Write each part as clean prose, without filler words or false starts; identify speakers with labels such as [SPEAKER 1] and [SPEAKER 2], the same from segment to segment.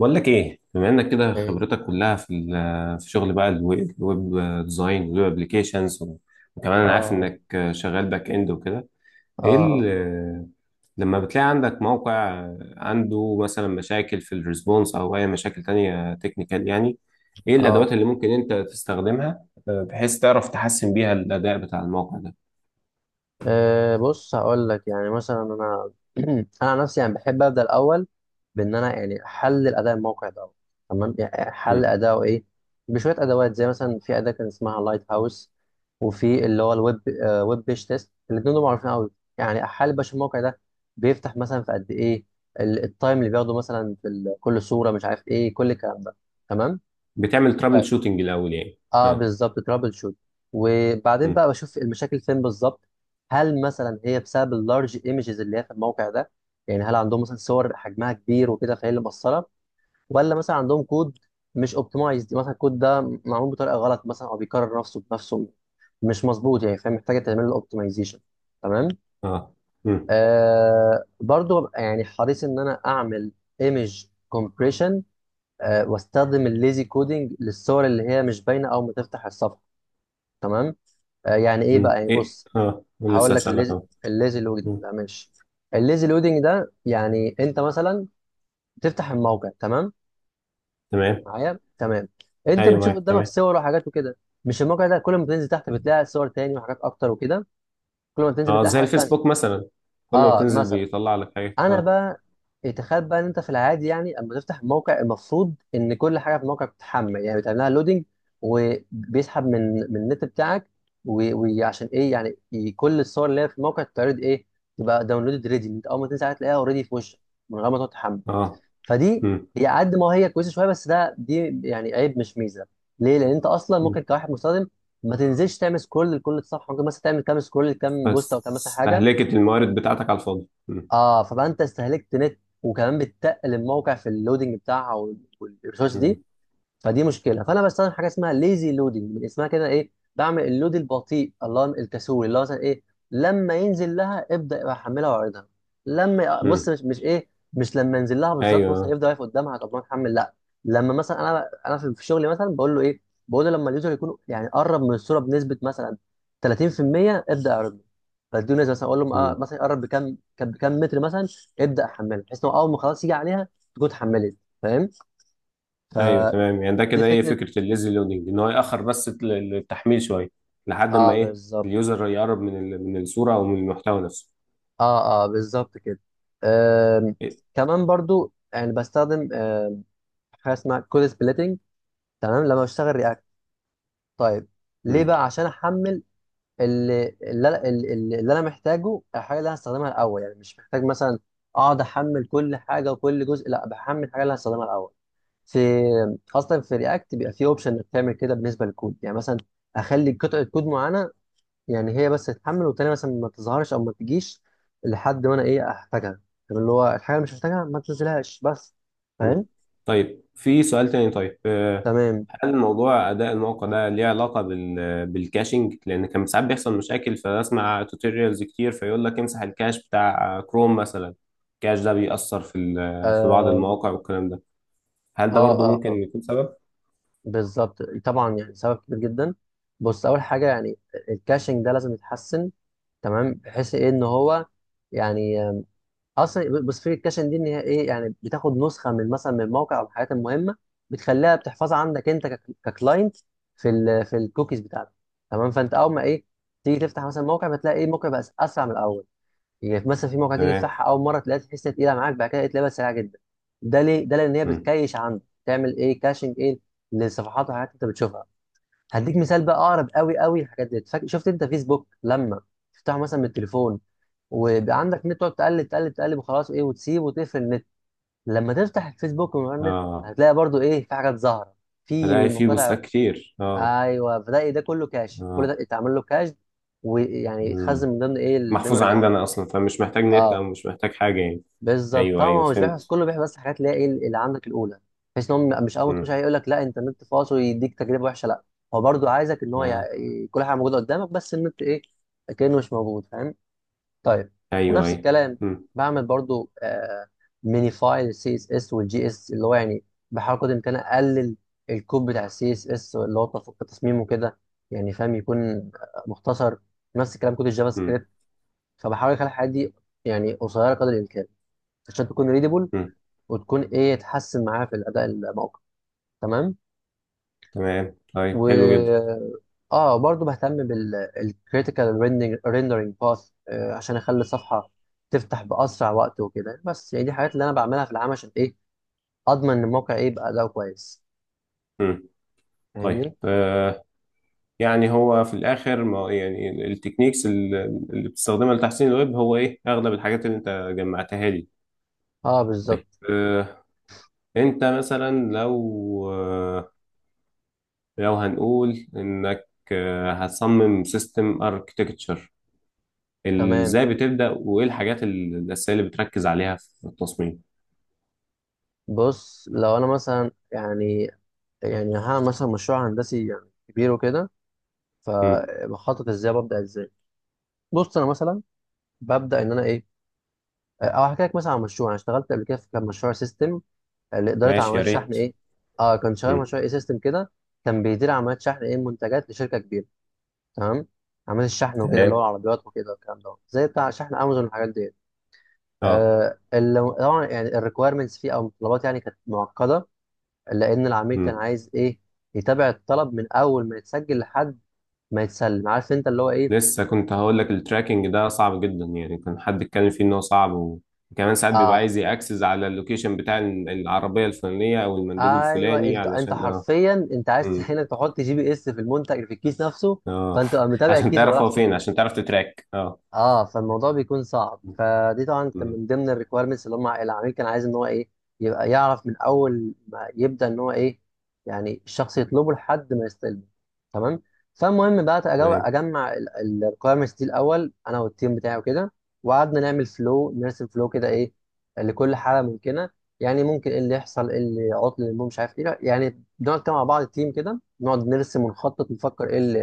[SPEAKER 1] بقول لك ايه، بما انك كده
[SPEAKER 2] ايه
[SPEAKER 1] خبرتك كلها في في شغل، بقى الويب ديزاين والويب ابلكيشنز وكمان انا عارف
[SPEAKER 2] اه
[SPEAKER 1] انك شغال باك اند وكده. ايه
[SPEAKER 2] اه
[SPEAKER 1] لما بتلاقي عندك موقع عنده مثلا مشاكل في الريسبونس او اي مشاكل تانية تكنيكال يعني، ايه
[SPEAKER 2] اه
[SPEAKER 1] الادوات اللي ممكن انت تستخدمها، بحيث تعرف تحسن بيها الاداء بتاع الموقع ده؟
[SPEAKER 2] آه، بص، هقول لك يعني مثلا انا انا عن نفسي يعني بحب ابدا الاول بان انا يعني احلل اداء الموقع ده. تمام، يعني احلل
[SPEAKER 1] مم.
[SPEAKER 2] اداؤه ايه بشويه ادوات، زي مثلا في اداه كان اسمها لايت هاوس، وفي اللي هو الويب ويب بيج تيست. الاثنين دول معروفين قوي. يعني احلل باش الموقع ده بيفتح مثلا في قد ايه التايم اللي بياخده مثلا في كل صوره، مش عارف ايه كل الكلام ده. تمام.
[SPEAKER 1] بتعمل ترابل
[SPEAKER 2] طيب،
[SPEAKER 1] شوتنج الاول يعني،
[SPEAKER 2] اه
[SPEAKER 1] اه؟
[SPEAKER 2] بالظبط ترابل شوت، وبعدين
[SPEAKER 1] مم.
[SPEAKER 2] بقى بشوف المشاكل فين بالظبط. هل مثلا هي بسبب اللارج ايمجز اللي هي في الموقع ده؟ يعني هل عندهم مثلا صور حجمها كبير وكده فهي اللي مقصره، ولا مثلا عندهم كود مش اوبتمايزد؟ مثلا الكود ده معمول بطريقه غلط مثلا، او بيكرر نفسه بنفسه، مش مظبوط يعني، فهي محتاجه تعمل له اوبتمايزيشن. تمام.
[SPEAKER 1] اه. مم.
[SPEAKER 2] آه، برضو ببقى يعني حريص ان انا اعمل ايمج كومبريشن، آه واستخدم الليزي كودينج للصور اللي هي مش باينه او ما تفتح الصفحه. تمام. آه، يعني ايه بقى،
[SPEAKER 1] مم.
[SPEAKER 2] يعني
[SPEAKER 1] ايه،
[SPEAKER 2] بص
[SPEAKER 1] اه،
[SPEAKER 2] هقول
[SPEAKER 1] لسه
[SPEAKER 2] لك.
[SPEAKER 1] اسالك اهو.
[SPEAKER 2] الليزي لودنج
[SPEAKER 1] مم.
[SPEAKER 2] ده ماشي. الليزي لودنج ده يعني انت مثلا تفتح الموقع، تمام
[SPEAKER 1] تمام.
[SPEAKER 2] معايا؟ تمام. انت
[SPEAKER 1] ايوه
[SPEAKER 2] بتشوف
[SPEAKER 1] معاك
[SPEAKER 2] قدامك
[SPEAKER 1] تمام.
[SPEAKER 2] صور وحاجات وكده، مش الموقع ده كل ما تنزل تحت بتلاقي صور تاني وحاجات اكتر وكده؟ كل ما تنزل
[SPEAKER 1] اه،
[SPEAKER 2] بتلاقي
[SPEAKER 1] زي
[SPEAKER 2] حاجات تانية.
[SPEAKER 1] الفيسبوك مثلا، كل ما
[SPEAKER 2] اه
[SPEAKER 1] بتنزل
[SPEAKER 2] مثلا.
[SPEAKER 1] بيطلع لك حاجه،
[SPEAKER 2] انا
[SPEAKER 1] اه.
[SPEAKER 2] بقى إيه، تخيل بقى ان انت في العادي يعني اما تفتح الموقع، المفروض ان كل حاجه في الموقع بتتحمل، يعني بتعملها لودنج، وبيسحب من النت بتاعك. و- وعشان ايه يعني كل الصور اللي هي في الموقع تتعرض ايه، تبقى داونلودد ريدي، انت اول ما تنزل عليها تلاقيها اوريدي في وشك، من غير ما تقعد تحمل.
[SPEAKER 1] اه.
[SPEAKER 2] فدي
[SPEAKER 1] امم.
[SPEAKER 2] هي قد ما هي كويسه شويه، بس دي يعني عيب مش ميزه. ليه؟ لان انت اصلا ممكن
[SPEAKER 1] أمم.
[SPEAKER 2] كواحد مستخدم ما تنزلش تعمل سكرول لكل الصفحه، ممكن مثلا تعمل كام سكرول لكام بوست او
[SPEAKER 1] بس
[SPEAKER 2] كام مثلا حاجه.
[SPEAKER 1] استهلكت الموارد بتاعتك على الفاضي، امم.
[SPEAKER 2] اه، فبقى انت استهلكت نت، وكمان بتقل الموقع في اللودنج بتاعها والريسورس دي.
[SPEAKER 1] أمم.
[SPEAKER 2] فدي مشكله، فانا بستخدم حاجه اسمها ليزي لودنج، من اسمها كده ايه، بعمل اللود البطيء، الله الكسول، اللي هو مثلا ايه، لما ينزل لها ابدا يبقى احملها واعرضها. لما بص
[SPEAKER 1] أمم.
[SPEAKER 2] مش, مش ايه مش لما ينزل لها بالظبط مثلا،
[SPEAKER 1] ايوه.
[SPEAKER 2] يفضل واقف قدامها، طب ما نحمل، لا. لما مثلا انا في شغلي مثلا بقول له ايه، بقول له لما اليوزر يكون يعني قرب من الصوره بنسبه مثلا 30% ابدا اعرضه. بديه نسبه مثلا، اقول له آه
[SPEAKER 1] امم.
[SPEAKER 2] مثلا يقرب بكام بكام متر مثلا ابدا احمله، بحيث انه اول ما خلاص يجي عليها تكون اتحملت. فاهم؟
[SPEAKER 1] ايوه تمام، يعني ده
[SPEAKER 2] فدي
[SPEAKER 1] كده ايه
[SPEAKER 2] فكره.
[SPEAKER 1] فكره الليزي لودنج، ان هو ياخر بس التحميل شويه لحد ما
[SPEAKER 2] اه
[SPEAKER 1] ايه
[SPEAKER 2] بالظبط.
[SPEAKER 1] اليوزر يقرب من من الصوره او من المحتوى نفسه.
[SPEAKER 2] اه اه بالظبط كده. آم،
[SPEAKER 1] إيه؟
[SPEAKER 2] كمان برضو يعني بستخدم حاجه اسمها كود سبليتنج، تمام، لما بشتغل رياكت. طيب، ليه
[SPEAKER 1] أمم.
[SPEAKER 2] بقى؟ عشان احمل اللي اللي, أنا- اللي, اللي انا محتاجه، الحاجه اللي انا هستخدمها الاول، يعني مش محتاج مثلا اقعد احمل كل حاجه وكل جزء، لا بحمل الحاجه اللي أنا هستخدمها الاول. في خاصه في رياكت بيبقى في اوبشن انك تعمل كده بالنسبه للكود، يعني مثلا اخلي قطعه كود معينه يعني هي بس تتحمل، والتانية مثلا ما تظهرش او ما تجيش لحد ما انا ايه احتاجها. طب اللي هو الحاجه اللي مش محتاجها ما تنزلهاش بس.
[SPEAKER 1] أمم.
[SPEAKER 2] فاهم؟
[SPEAKER 1] طيب، في سؤال تاني. طيب، آه،
[SPEAKER 2] تمام.
[SPEAKER 1] هل موضوع اداء الموقع ده ليه علاقه بال بالكاشنج؟ لان كان ساعات بيحصل مشاكل، فاسمع توتوريالز كتير فيقول لك امسح الكاش بتاع كروم مثلا. الكاش ده بيأثر في في بعض
[SPEAKER 2] اه
[SPEAKER 1] المواقع والكلام ده، هل
[SPEAKER 2] اه
[SPEAKER 1] ده برضو
[SPEAKER 2] اه,
[SPEAKER 1] ممكن
[SPEAKER 2] آه.
[SPEAKER 1] يكون سبب؟
[SPEAKER 2] بالظبط طبعا، يعني سبب كبير جدا. بص اول حاجه يعني، الكاشنج ده لازم يتحسن، تمام، بحيث ايه ان هو يعني اصل بص في الكاشن دي ان هي ايه، يعني بتاخد نسخه من مثلا من موقع او الحاجات المهمه، بتخليها بتحفظها عندك انت ككلاينت في في الكوكيز بتاعتك. تمام، فانت اول ما ايه تيجي تفتح مثلا موقع بتلاقي ايه الموقع بقى اسرع من الاول. يعني مثلا في موقع تيجي
[SPEAKER 1] تمام.
[SPEAKER 2] تفتحها اول مره تلاقيها تحس إنها تقيله معاك، بعد كده تلاقيها بقت سريعه جدا. ده ليه؟ ده لان هي
[SPEAKER 1] مم.
[SPEAKER 2] بتكيش عندك، تعمل ايه، كاشنج ايه للصفحات والحاجات اللي انت بتشوفها. هديك مثال بقى اقرب قوي قوي الحاجات دي. شفت انت فيسبوك لما تفتحه مثلا من التليفون، ويبقى عندك نت، تقعد تقلب تقلب وخلاص ايه، وتسيب وتقفل النت، لما تفتح الفيسبوك من غير نت
[SPEAKER 1] اه.
[SPEAKER 2] هتلاقي برضو ايه في حاجات ظاهره، في
[SPEAKER 1] الاقي فيه
[SPEAKER 2] مقاطع.
[SPEAKER 1] بوستات كتير، اه.
[SPEAKER 2] ايوه، فده إيه، ده كله كاش، كل
[SPEAKER 1] اه.
[SPEAKER 2] ده اتعمل له كاش، ويعني يتخزن
[SPEAKER 1] مم.
[SPEAKER 2] من ضمن ايه الميموري
[SPEAKER 1] محفوظه
[SPEAKER 2] اللي عندك.
[SPEAKER 1] عندنا اصلا، فمش محتاج نت
[SPEAKER 2] اه
[SPEAKER 1] او مش محتاج حاجه يعني.
[SPEAKER 2] بالظبط
[SPEAKER 1] ايوه
[SPEAKER 2] طبعا،
[SPEAKER 1] ايوه،
[SPEAKER 2] هو مش بيحفظ
[SPEAKER 1] فهمت.
[SPEAKER 2] كله، بيحفظ بس حاجات اللي هي ايه اللي عندك الاولى، بحيث ان هو مش اول ما تخش
[SPEAKER 1] مم.
[SPEAKER 2] عليه يقول لك لا انت النت فاصل ويديك تجربه وحشه، لا، هو برضو عايزك ان هو
[SPEAKER 1] اه.
[SPEAKER 2] كل حاجه موجوده قدامك، بس النت ايه، كانه مش موجود. فاهم؟ طيب.
[SPEAKER 1] ايوه
[SPEAKER 2] ونفس
[SPEAKER 1] ايوه.
[SPEAKER 2] الكلام
[SPEAKER 1] مم.
[SPEAKER 2] بعمل برضو آه ميني فايل السي اس اس والجي اس، اللي هو يعني بحاول قدر الامكان اقلل الكود بتاع السي اس اس اللي هو التصميم وكده، يعني فاهم، يكون آه، مختصر. نفس الكلام كود الجافا
[SPEAKER 1] مم.
[SPEAKER 2] سكريبت. فبحاول اخلي الحاجات دي يعني قصيره قدر الامكان، عشان تكون ريدبل،
[SPEAKER 1] مم.
[SPEAKER 2] وتكون ايه تحسن معايا في الاداء الموقع. تمام.
[SPEAKER 1] تمام،
[SPEAKER 2] و
[SPEAKER 1] طيب حلو جدا.
[SPEAKER 2] اه برضو بهتم بالكريتيكال rendering باث، عشان اخلي الصفحه تفتح باسرع وقت وكده. بس يعني دي حاجات اللي انا بعملها في العام عشان ايه، اضمن ان الموقع ايه يبقى اداؤه كويس.
[SPEAKER 1] مم. طيب
[SPEAKER 2] فاهمني؟
[SPEAKER 1] آه، يعني هو في الاخر ما يعني التكنيكس اللي بتستخدمها لتحسين الويب، هو ايه اغلب الحاجات اللي انت جمعتها لي؟
[SPEAKER 2] اه
[SPEAKER 1] طيب
[SPEAKER 2] بالظبط.
[SPEAKER 1] آه، انت مثلا لو آه، لو هنقول انك آه هتصمم سيستم اركتكتشر،
[SPEAKER 2] تمام.
[SPEAKER 1] ازاي بتبدأ وايه الحاجات الاساسيه اللي بتركز عليها في التصميم؟
[SPEAKER 2] بص لو انا مثلا يعني، يعني هعمل مثلا مشروع هندسي يعني كبير وكده،
[SPEAKER 1] مم.
[SPEAKER 2] فبخطط ازاي، ببدا ازاي. بص انا مثلا ببدا ان انا ايه، او هحكي لك مثلا عن مشروع انا اشتغلت قبل كده في، كان مشروع سيستم لاداره
[SPEAKER 1] ماشي، يا
[SPEAKER 2] عمليات الشحن
[SPEAKER 1] ريت.
[SPEAKER 2] ايه. اه كان شغال
[SPEAKER 1] مم.
[SPEAKER 2] مشروع اي سيستم كده، كان بيدير عمليات شحن ايه منتجات لشركه كبيره. تمام. عمليات الشحن وكده، اللي
[SPEAKER 1] تمام.
[SPEAKER 2] هو العربيات وكده والكلام ده، زي بتاع شحن امازون والحاجات دي.
[SPEAKER 1] اه.
[SPEAKER 2] آه اللي طبعا يعني الريكويرمنتس فيه او الطلبات يعني كانت معقده، لان العميل كان
[SPEAKER 1] مم.
[SPEAKER 2] عايز ايه يتابع الطلب من اول ما يتسجل لحد ما يتسلم، عارف انت اللي هو ايه.
[SPEAKER 1] لسه كنت هقول لك، التراكنج ده صعب جدا يعني، كان حد اتكلم فيه ان هو صعب وكمان ساعات بيبقى
[SPEAKER 2] اه
[SPEAKER 1] عايز ياكسس على اللوكيشن بتاع العربيه الفلانيه او المندوب
[SPEAKER 2] ايوه،
[SPEAKER 1] الفلاني
[SPEAKER 2] انت
[SPEAKER 1] علشان اه.
[SPEAKER 2] حرفيا انت عايز
[SPEAKER 1] امم.
[SPEAKER 2] هنا تحط جي بي اس في المنتج في الكيس نفسه،
[SPEAKER 1] اه.
[SPEAKER 2] فانت تبقى متابع
[SPEAKER 1] عشان
[SPEAKER 2] الكيس هو
[SPEAKER 1] تعرف
[SPEAKER 2] راح
[SPEAKER 1] هو فين،
[SPEAKER 2] فين.
[SPEAKER 1] عشان تعرف تتراك، اه.
[SPEAKER 2] اه، فالموضوع بيكون صعب. فدي طبعا كان
[SPEAKER 1] امم.
[SPEAKER 2] من ضمن الريكويرمنتس اللي هم العميل كان عايز ان هو ايه يبقى يعرف من اول ما يبدا ان هو ايه، يعني الشخص يطلبه لحد ما يستلمه. تمام. فالمهم بقى
[SPEAKER 1] تمام.
[SPEAKER 2] اجمع الريكويرمنتس دي الاول انا والتيم بتاعي وكده، وقعدنا نعمل فلو، نرسم فلو كده ايه لكل حاله ممكنه. يعني ممكن ايه اللي يحصل، ايه اللي عطل، اللي مش عارف ايه، يعني بنقعد كده مع بعض التيم كده نقعد نرسم ونخطط، نفكر ايه اللي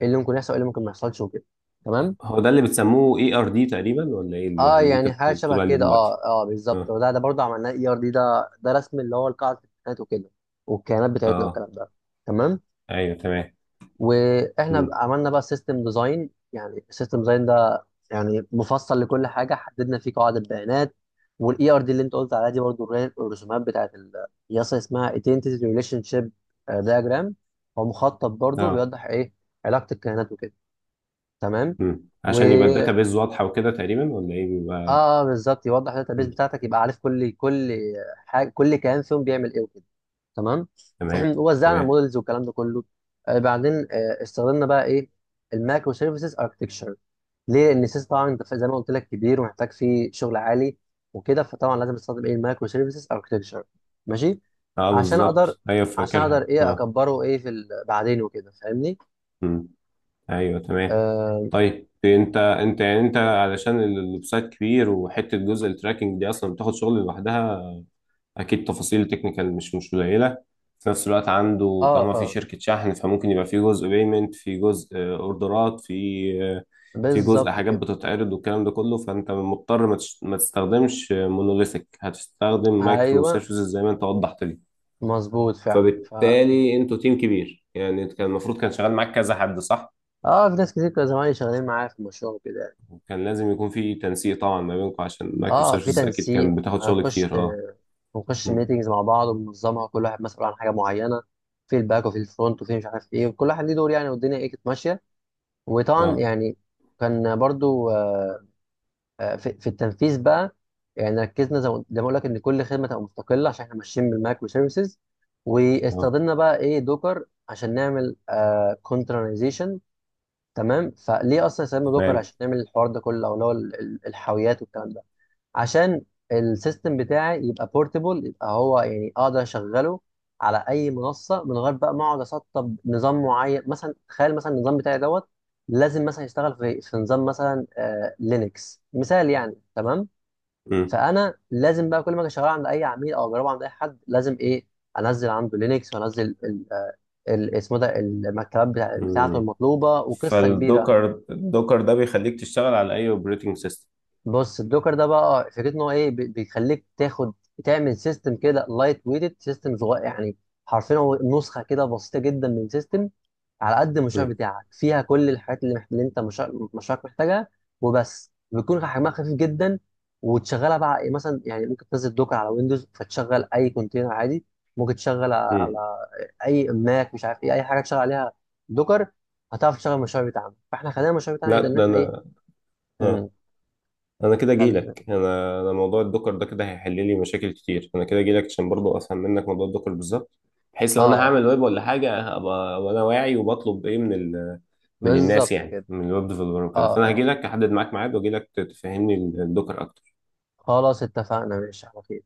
[SPEAKER 2] إيه اللي ممكن يحصل، ايه اللي ممكن ما يحصلش وكده. تمام.
[SPEAKER 1] هو ده اللي بتسموه ERD تقريبا، ولا ايه اللي
[SPEAKER 2] اه
[SPEAKER 1] اللي انت
[SPEAKER 2] يعني حاجه شبه
[SPEAKER 1] بتقول عليه
[SPEAKER 2] كده،
[SPEAKER 1] دلوقتي؟
[SPEAKER 2] اه اه بالظبط،
[SPEAKER 1] اه.
[SPEAKER 2] وده ده برضه عملناه، اي ار دي، ده ده رسم اللي هو القاعده الكائنات وكده والكيانات بتاعتنا
[SPEAKER 1] اه.
[SPEAKER 2] والكلام ده. تمام.
[SPEAKER 1] ايوه تمام.
[SPEAKER 2] واحنا بقى
[SPEAKER 1] امم.
[SPEAKER 2] عملنا بقى سيستم ديزاين. يعني السيستم ديزاين ده يعني مفصل لكل حاجه، حددنا فيه قواعد البيانات. والاي ار دي اللي انت قلت عليها دي برضه الرسومات بتاعت القياس اسمها ايدنتيتي ريليشن شيب دياجرام، هو مخطط برضه
[SPEAKER 1] اه.
[SPEAKER 2] بيوضح ايه علاقه الكائنات وكده. تمام.
[SPEAKER 1] امم، عشان يبقى الداتابيز واضحه وكده تقريبا، ولا ايه بيبقى؟
[SPEAKER 2] اه بالظبط يوضح الداتا بيس
[SPEAKER 1] مم.
[SPEAKER 2] بتاعتك، يبقى عارف كل حاجه، كل كيان فيهم بيعمل ايه وكده. تمام.
[SPEAKER 1] تمام.
[SPEAKER 2] ووزعنا
[SPEAKER 1] تمام.
[SPEAKER 2] مودلز والكلام ده كله. آه بعدين آه استخدمنا بقى ايه المايكرو سيرفيسز اركتكتشر. ليه؟ لان السيس طبعا انت زي ما قلت لك كبير ومحتاج فيه شغل عالي وكده، فطبعا لازم استخدم ايه المايكرو سيرفيسز اركتكتشر. ماشي.
[SPEAKER 1] اه
[SPEAKER 2] عشان اقدر،
[SPEAKER 1] بالظبط، ايوه
[SPEAKER 2] عشان اقدر
[SPEAKER 1] فاكرها،
[SPEAKER 2] ايه
[SPEAKER 1] اه.
[SPEAKER 2] اكبره ايه في بعدين وكده، فاهمني؟
[SPEAKER 1] مم. ايوه تمام.
[SPEAKER 2] اه
[SPEAKER 1] طيب انت يعني، انت علشان الويب سايت كبير، وحته جزء التراكنج دي اصلا بتاخد شغل لوحدها، اكيد تفاصيل تكنيكال مش قليله. في نفس الوقت عنده،
[SPEAKER 2] اه,
[SPEAKER 1] طالما في
[SPEAKER 2] آه
[SPEAKER 1] شركه شحن، فممكن يبقى في جزء بيمنت، في جزء آه، اوردرات، في آه، في جزء
[SPEAKER 2] بالظبط
[SPEAKER 1] حاجات
[SPEAKER 2] كده.
[SPEAKER 1] بتتعرض والكلام ده كله، فانت مضطر ما تستخدمش مونوليثيك، هتستخدم مايكرو
[SPEAKER 2] ايوه
[SPEAKER 1] سيرفيسز زي ما انت وضحت لي.
[SPEAKER 2] مظبوط فعلا. ف
[SPEAKER 1] فبالتالي انتوا تيم كبير يعني، كان المفروض كان شغال معاك كذا حد، صح؟
[SPEAKER 2] اه في ناس كتير كانوا زمايلي شغالين معايا في المشروع وكده يعني.
[SPEAKER 1] كان لازم يكون في تنسيق طبعا ما بينكم، عشان مايكرو
[SPEAKER 2] اه في
[SPEAKER 1] سيرفيسز اكيد
[SPEAKER 2] تنسيق،
[SPEAKER 1] كان بتاخد شغل كتير، اه.
[SPEAKER 2] بنخش
[SPEAKER 1] مم.
[SPEAKER 2] ميتنجز مع بعض وننظمها، كل واحد مسؤول عن حاجه معينه، في الباك وفي الفرونت وفي مش عارف ايه، وكل واحد ليه دور يعني، والدنيا ايه كانت ماشيه. وطبعا
[SPEAKER 1] اه.
[SPEAKER 2] يعني كان برضو في في التنفيذ بقى، يعني ركزنا زي ما اقول لك ان كل خدمه تبقى مستقله عشان احنا ماشيين بالمايكرو سيرفيسز.
[SPEAKER 1] اه.
[SPEAKER 2] واستخدمنا بقى ايه دوكر عشان نعمل كونترنايزيشن. تمام. فليه اصلا يستخدموا دوكر
[SPEAKER 1] تمام.
[SPEAKER 2] عشان نعمل الحوار ده كله، او اللي هو الحاويات والكلام ده؟ عشان السيستم بتاعي يبقى بورتبل، يبقى هو يعني اقدر اشغله على اي منصه من غير بقى ما اقعد اسطب نظام معين. مثلا تخيل مثلا النظام بتاعي دوت، لازم مثلا يشتغل في في نظام مثلا آه لينكس مثال يعني. تمام.
[SPEAKER 1] مم.
[SPEAKER 2] فانا لازم بقى كل ما اجي اشغله عند اي عميل او اجربه عند اي حد لازم ايه انزل عنده لينكس وانزل اسمه ده المكتبات بتاعته
[SPEAKER 1] مم.
[SPEAKER 2] المطلوبه، وقصه كبيره.
[SPEAKER 1] فالدوكر ده بيخليك تشتغل على اي اوبريتنج سيستم؟
[SPEAKER 2] بص الدوكر ده بقى اه فكرته ان هو ايه بيخليك تاخد تعمل سيستم كده، لايت ويتد سيستم صغير يعني، حرفيا هو نسخه كده بسيطه جدا من سيستم على قد المشروع بتاعك، فيها كل الحاجات اللي انت مشروعك محتاجها وبس، بيكون حجمها خفيف جدا، وتشغلها بقى إيه مثلا. يعني ممكن تنزل دوكر على ويندوز فتشغل اي كونتينر عادي، ممكن تشغل على اي ماك، مش عارف ايه، اي حاجه تشغل عليها دوكر هتعرف تشغل المشروع بتاعنا. فاحنا خلينا المشروع بتاعنا
[SPEAKER 1] لا
[SPEAKER 2] يقدر ان
[SPEAKER 1] ده
[SPEAKER 2] احنا ايه.
[SPEAKER 1] انا، آه.
[SPEAKER 2] مم.
[SPEAKER 1] انا كده
[SPEAKER 2] خل...
[SPEAKER 1] جايلك، انا موضوع الدكر ده كده هيحل لي مشاكل كتير. انا كده جايلك عشان برضو افهم منك موضوع الدكر بالظبط، بحيث لو انا
[SPEAKER 2] اه
[SPEAKER 1] هعمل ويب ولا حاجه ابقى وانا واعي، وبطلب ايه من ال... من الناس
[SPEAKER 2] بالظبط
[SPEAKER 1] يعني،
[SPEAKER 2] كده.
[SPEAKER 1] من الويب ديفلوبر وكده.
[SPEAKER 2] اه
[SPEAKER 1] فانا
[SPEAKER 2] اه.
[SPEAKER 1] هجيلك احدد معاك ميعاد واجيلك تفهمني الدكر اكتر.
[SPEAKER 2] خلاص اتفقنا، ماشي على خير.